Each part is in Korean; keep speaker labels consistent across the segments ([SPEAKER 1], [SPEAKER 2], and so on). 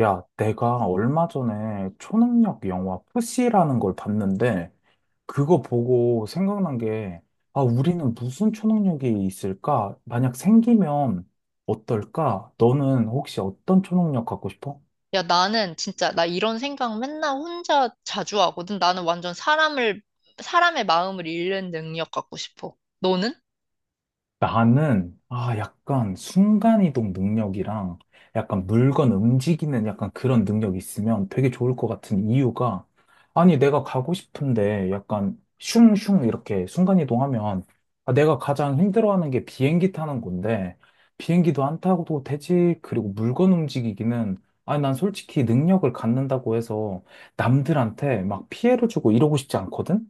[SPEAKER 1] 야, 내가 얼마 전에 초능력 영화 푸시라는 걸 봤는데, 그거 보고 생각난 게, 아, 우리는 무슨 초능력이 있을까? 만약 생기면 어떨까? 너는 혹시 어떤 초능력 갖고 싶어?
[SPEAKER 2] 야, 나는 진짜, 나 이런 생각 맨날 혼자 자주 하거든. 나는 완전 사람의 마음을 읽는 능력 갖고 싶어. 너는?
[SPEAKER 1] 나는, 아, 약간 순간이동 능력이랑 약간 물건 움직이는 약간 그런 능력이 있으면 되게 좋을 것 같은 이유가, 아니, 내가 가고 싶은데 약간 슝슝 이렇게 순간이동하면, 아, 내가 가장 힘들어하는 게 비행기 타는 건데, 비행기도 안 타고도 되지. 그리고 물건 움직이기는, 아니, 난 솔직히 능력을 갖는다고 해서 남들한테 막 피해를 주고 이러고 싶지 않거든?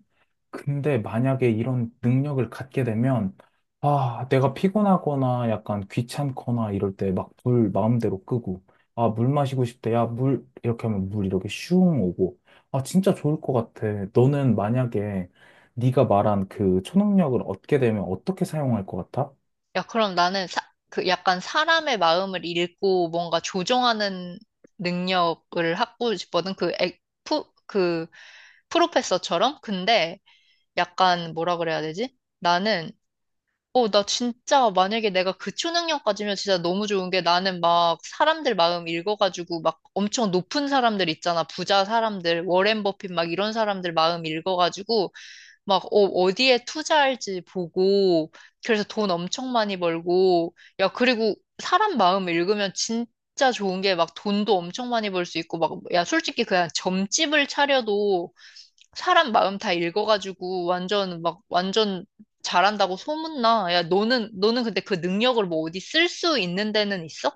[SPEAKER 1] 근데 만약에 이런 능력을 갖게 되면, 아, 내가 피곤하거나 약간 귀찮거나 이럴 때 막 불 마음대로 끄고, 아, 물 마시고 싶대. 야, 물, 이렇게 하면 물 이렇게 슝 오고. 아, 진짜 좋을 것 같아. 너는 만약에 네가 말한 그 초능력을 얻게 되면 어떻게 사용할 것 같아?
[SPEAKER 2] 야, 그럼 나는 사, 그 약간 사람의 마음을 읽고 뭔가 조정하는 능력을 갖고 싶거든. 프, 그, 프로페서처럼? 근데 약간 뭐라 그래야 되지? 나는 나 진짜 만약에 내가 그 초능력 가지면 진짜 너무 좋은 게 나는 막 사람들 마음 읽어가지고 막 엄청 높은 사람들 있잖아. 부자 사람들, 워렌 버핏 막 이런 사람들 마음 읽어가지고 막 어디에 투자할지 보고 그래서 돈 엄청 많이 벌고 야, 그리고 사람 마음 읽으면 진짜 좋은 게 막 돈도 엄청 많이 벌 수 있고 막 야, 솔직히 그냥 점집을 차려도 사람 마음 다 읽어가지고 완전 잘한다고 소문나. 야, 너는 근데 그 능력을 뭐 어디 쓸 수 있는 데는 있어?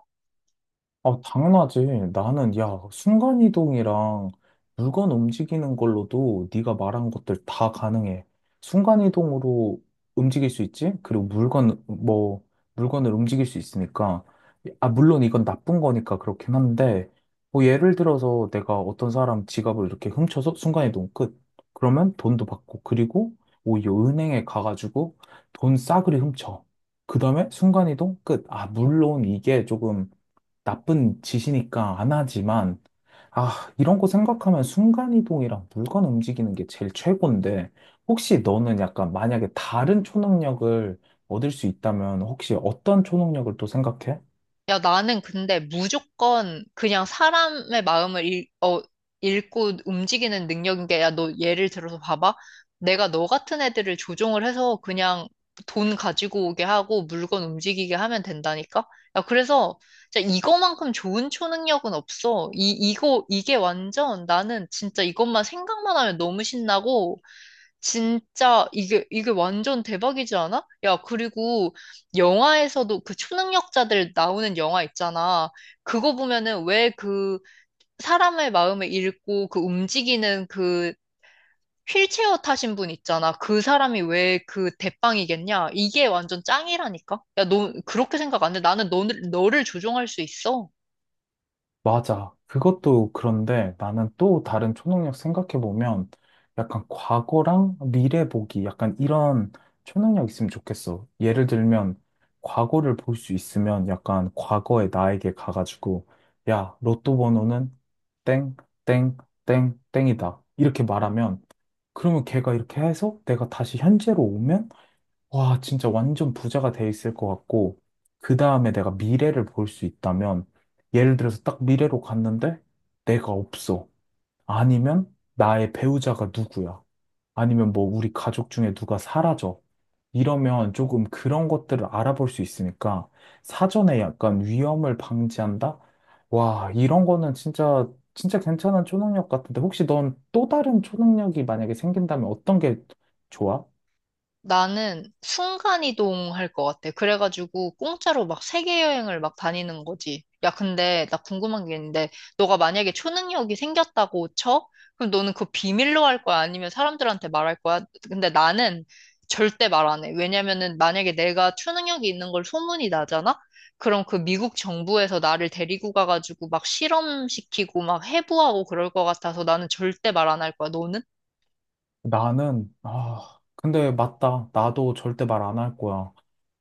[SPEAKER 1] 아, 당연하지. 나는, 야, 순간이동이랑 물건 움직이는 걸로도 네가 말한 것들 다 가능해. 순간이동으로 움직일 수 있지? 그리고 물건, 뭐, 물건을 움직일 수 있으니까. 아, 물론 이건 나쁜 거니까 그렇긴 한데, 뭐, 예를 들어서 내가 어떤 사람 지갑을 이렇게 훔쳐서 순간이동 끝. 그러면 돈도 받고, 그리고 오히려 은행에 가가지고 돈 싸그리 훔쳐. 그 다음에 순간이동 끝. 아, 물론 이게 조금 나쁜 짓이니까 안 하지만, 아, 이런 거 생각하면 순간이동이랑 물건 움직이는 게 제일 최고인데, 혹시 너는 약간 만약에 다른 초능력을 얻을 수 있다면, 혹시 어떤 초능력을 또 생각해?
[SPEAKER 2] 야, 나는 근데 무조건 그냥 사람의 마음을 읽고 움직이는 능력인 게, 야, 너 예를 들어서 봐봐. 내가 너 같은 애들을 조종을 해서 그냥 돈 가지고 오게 하고 물건 움직이게 하면 된다니까? 야, 그래서 진짜 이거만큼 좋은 초능력은 없어. 이게 완전 나는 진짜 이것만 생각만 하면 너무 신나고, 진짜 이게 완전 대박이지 않아? 야, 그리고 영화에서도 그 초능력자들 나오는 영화 있잖아. 그거 보면은 왜 그 사람의 마음을 읽고 그 움직이는 그 휠체어 타신 분 있잖아. 그 사람이 왜 그 대빵이겠냐? 이게 완전 짱이라니까. 야, 너 그렇게 생각 안 해? 나는 너를 조종할 수 있어.
[SPEAKER 1] 맞아. 그것도 그런데 나는 또 다른 초능력 생각해보면 약간 과거랑 미래 보기 약간 이런 초능력 있으면 좋겠어. 예를 들면 과거를 볼 수 있으면 약간 과거의 나에게 가가지고 야, 로또 번호는 땡, 땡, 땡, 땡이다. 이렇게 말하면 그러면 걔가 이렇게 해서 내가 다시 현재로 오면 와, 진짜 완전 부자가 돼 있을 것 같고, 그 다음에 내가 미래를 볼 수 있다면, 예를 들어서 딱 미래로 갔는데, 내가 없어. 아니면 나의 배우자가 누구야. 아니면 뭐 우리 가족 중에 누가 사라져. 이러면 조금 그런 것들을 알아볼 수 있으니까, 사전에 약간 위험을 방지한다? 와, 이런 거는 진짜, 진짜 괜찮은 초능력 같은데, 혹시 넌 또 다른 초능력이 만약에 생긴다면 어떤 게 좋아?
[SPEAKER 2] 나는 순간이동 할 것 같아. 그래가지고 공짜로 막 세계 여행을 막 다니는 거지. 야, 근데 나 궁금한 게 있는데, 너가 만약에 초능력이 생겼다고 쳐? 그럼 너는 그거 비밀로 할 거야? 아니면 사람들한테 말할 거야? 근데 나는 절대 말 안 해. 왜냐면은 만약에 내가 초능력이 있는 걸 소문이 나잖아? 그럼 그 미국 정부에서 나를 데리고 가가지고 막 실험시키고 막 해부하고 그럴 것 같아서 나는 절대 말 안 할 거야. 너는?
[SPEAKER 1] 나는, 아, 근데 맞다. 나도 절대 말 안 할 거야.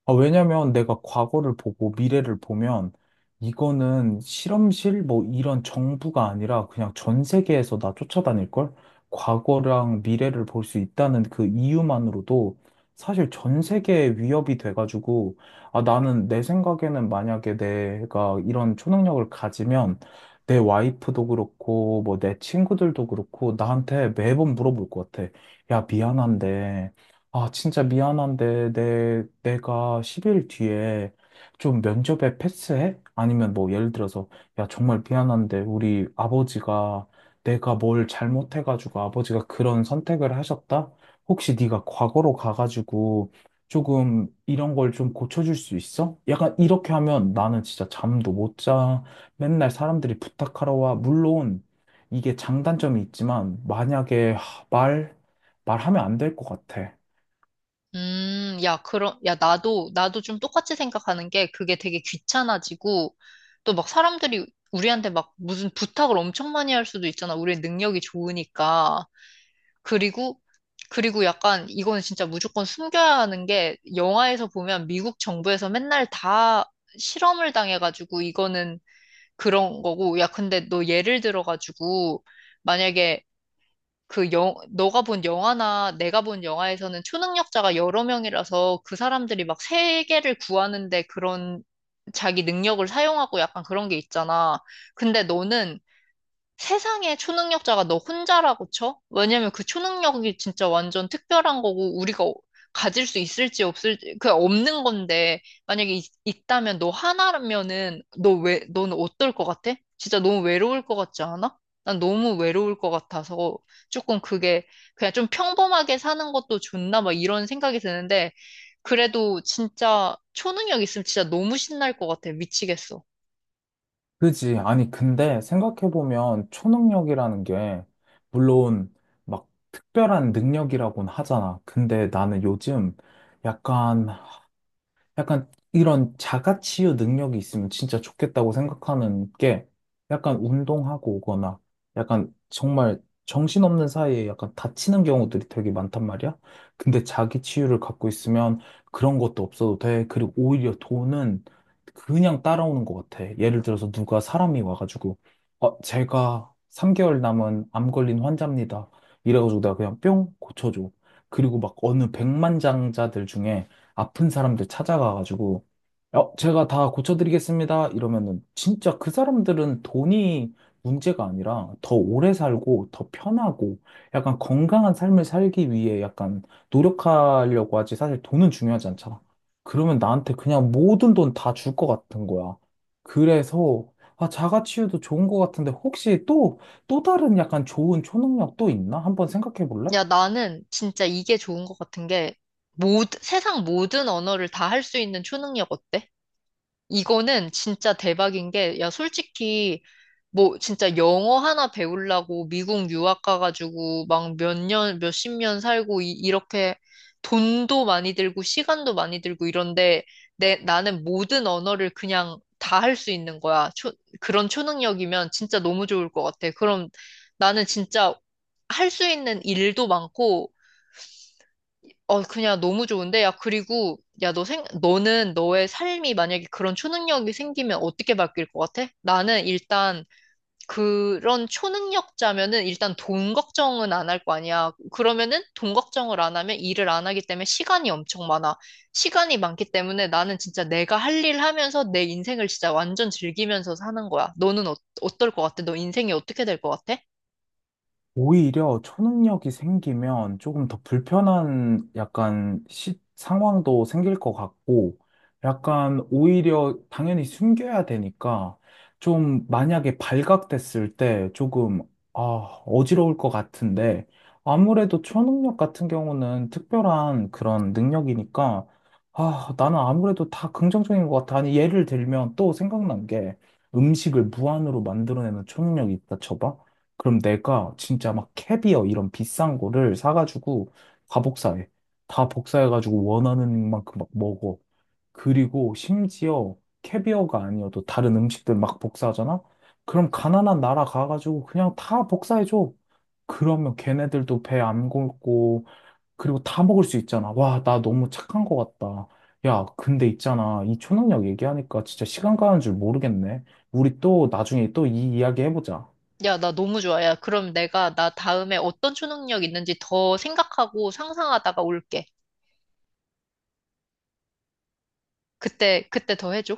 [SPEAKER 1] 아, 왜냐면 내가 과거를 보고 미래를 보면 이거는 실험실 뭐 이런 정부가 아니라 그냥 전 세계에서 나 쫓아다닐걸? 과거랑 미래를 볼 수 있다는 그 이유만으로도 사실 전 세계에 위협이 돼가지고 아, 나는 내 생각에는 만약에 내가 이런 초능력을 가지면 내 와이프도 그렇고 뭐 내 친구들도 그렇고 나한테 매번 물어볼 것 같아. 야, 미안한데. 아, 진짜 미안한데, 내가 10일 뒤에 좀 면접에 패스해? 아니면 뭐, 예를 들어서, 야, 정말 미안한데, 우리 아버지가, 내가 뭘 잘못해가지고 아버지가 그런 선택을 하셨다? 혹시 네가 과거로 가가지고 조금 이런 걸 좀 고쳐줄 수 있어? 약간 이렇게 하면 나는 진짜 잠도 못 자. 맨날 사람들이 부탁하러 와. 물론, 이게 장단점이 있지만, 만약에 하, 말, 말하면 안 될 것 같아.
[SPEAKER 2] 야, 그럼, 야, 나도 좀 똑같이 생각하는 게 그게 되게 귀찮아지고 또 막 사람들이 우리한테 막 무슨 부탁을 엄청 많이 할 수도 있잖아. 우리의 능력이 좋으니까. 그리고, 그리고 약간 이거는 진짜 무조건 숨겨야 하는 게 영화에서 보면 미국 정부에서 맨날 다 실험을 당해가지고 이거는 그런 거고. 야, 근데 너 예를 들어가지고 만약에 너가 본 영화나 내가 본 영화에서는 초능력자가 여러 명이라서 그 사람들이 막 세계를 구하는데 그런 자기 능력을 사용하고 약간 그런 게 있잖아. 근데 너는 세상에 초능력자가 너 혼자라고 쳐? 왜냐면 그 초능력이 진짜 완전 특별한 거고 우리가 가질 수 있을지 없을지 그 없는 건데 만약에 있다면 너 하나면은 너는 어떨 것 같아? 진짜 너무 외로울 것 같지 않아? 난 너무 외로울 것 같아서 조금 그게 그냥 좀 평범하게 사는 것도 좋나 막 이런 생각이 드는데 그래도 진짜 초능력 있으면 진짜 너무 신날 것 같아. 미치겠어.
[SPEAKER 1] 그지. 아니, 근데 생각해보면 초능력이라는 게, 물론 막 특별한 능력이라고는 하잖아. 근데 나는 요즘 약간 약간 이런 자가치유 능력이 있으면 진짜 좋겠다고 생각하는 게 약간 운동하고 오거나 약간 정말 정신없는 사이에 약간 다치는 경우들이 되게 많단 말이야. 근데 자기 치유를 갖고 있으면 그런 것도 없어도 돼. 그리고 오히려 돈은 그냥 따라오는 것 같아. 예를 들어서 누가 사람이 와가지고 어, 제가 3개월 남은 암 걸린 환자입니다. 이래가지고 내가 그냥 뿅 고쳐줘. 그리고 막 어느 백만장자들 중에 아픈 사람들 찾아가가지고, 어, 제가 다 고쳐드리겠습니다. 이러면은 진짜 그 사람들은 돈이 문제가 아니라 더 오래 살고 더 편하고 약간 건강한 삶을 살기 위해 약간 노력하려고 하지 사실 돈은 중요하지 않잖아. 그러면 나한테 그냥 모든 돈 다 줄 것 같은 거야. 그래서 아, 자가치유도 좋은 것 같은데 혹시 또, 또 다른 약간 좋은 초능력 또 있나? 한번 생각해 볼래?
[SPEAKER 2] 야, 나는 진짜 이게 좋은 것 같은 게, 모든, 세상 모든 언어를 다 할 수 있는 초능력 어때? 이거는 진짜 대박인 게, 야, 솔직히, 뭐, 진짜 영어 하나 배우려고 미국 유학 가가지고 막 몇십 년 살고, 이렇게 돈도 많이 들고, 시간도 많이 들고 이런데, 나는 모든 언어를 그냥 다 할 수 있는 거야. 그런 초능력이면 진짜 너무 좋을 것 같아. 그럼 나는 진짜 할 수 있는 일도 많고, 그냥 너무 좋은데? 야, 그리고, 야, 너는 너의 삶이 만약에 그런 초능력이 생기면 어떻게 바뀔 것 같아? 나는 일단 그런 초능력자면은 일단 돈 걱정은 안 할 거 아니야. 그러면은 돈 걱정을 안 하면 일을 안 하기 때문에 시간이 엄청 많아. 시간이 많기 때문에 나는 진짜 내가 할 일 하면서 내 인생을 진짜 완전 즐기면서 사는 거야. 너는 어떨 것 같아? 너 인생이 어떻게 될 것 같아?
[SPEAKER 1] 오히려 초능력이 생기면 조금 더 불편한 약간 시, 상황도 생길 것 같고, 약간 오히려 당연히 숨겨야 되니까, 좀 만약에 발각됐을 때 조금, 아, 어지러울 것 같은데, 아무래도 초능력 같은 경우는 특별한 그런 능력이니까, 아, 나는 아무래도 다 긍정적인 것 같아. 아니, 예를 들면 또 생각난 게 음식을 무한으로 만들어내는 초능력이 있다 쳐봐. 그럼 내가 진짜 막 캐비어 이런 비싼 거를 사가지고 다 복사해. 다 복사해가지고 원하는 만큼 막 먹어. 그리고 심지어 캐비어가 아니어도 다른 음식들 막 복사하잖아? 그럼 가난한 나라 가가지고 그냥 다 복사해줘. 그러면 걔네들도 배 안 굶고, 그리고 다 먹을 수 있잖아. 와, 나 너무 착한 것 같다. 야, 근데 있잖아. 이 초능력 얘기하니까 진짜 시간 가는 줄 모르겠네. 우리 또 나중에 또 이 이야기 해보자.
[SPEAKER 2] 야, 나 너무 좋아. 야, 그럼 내가 나 다음에 어떤 초능력 있는지 더 생각하고 상상하다가 올게. 그때 더 해줘.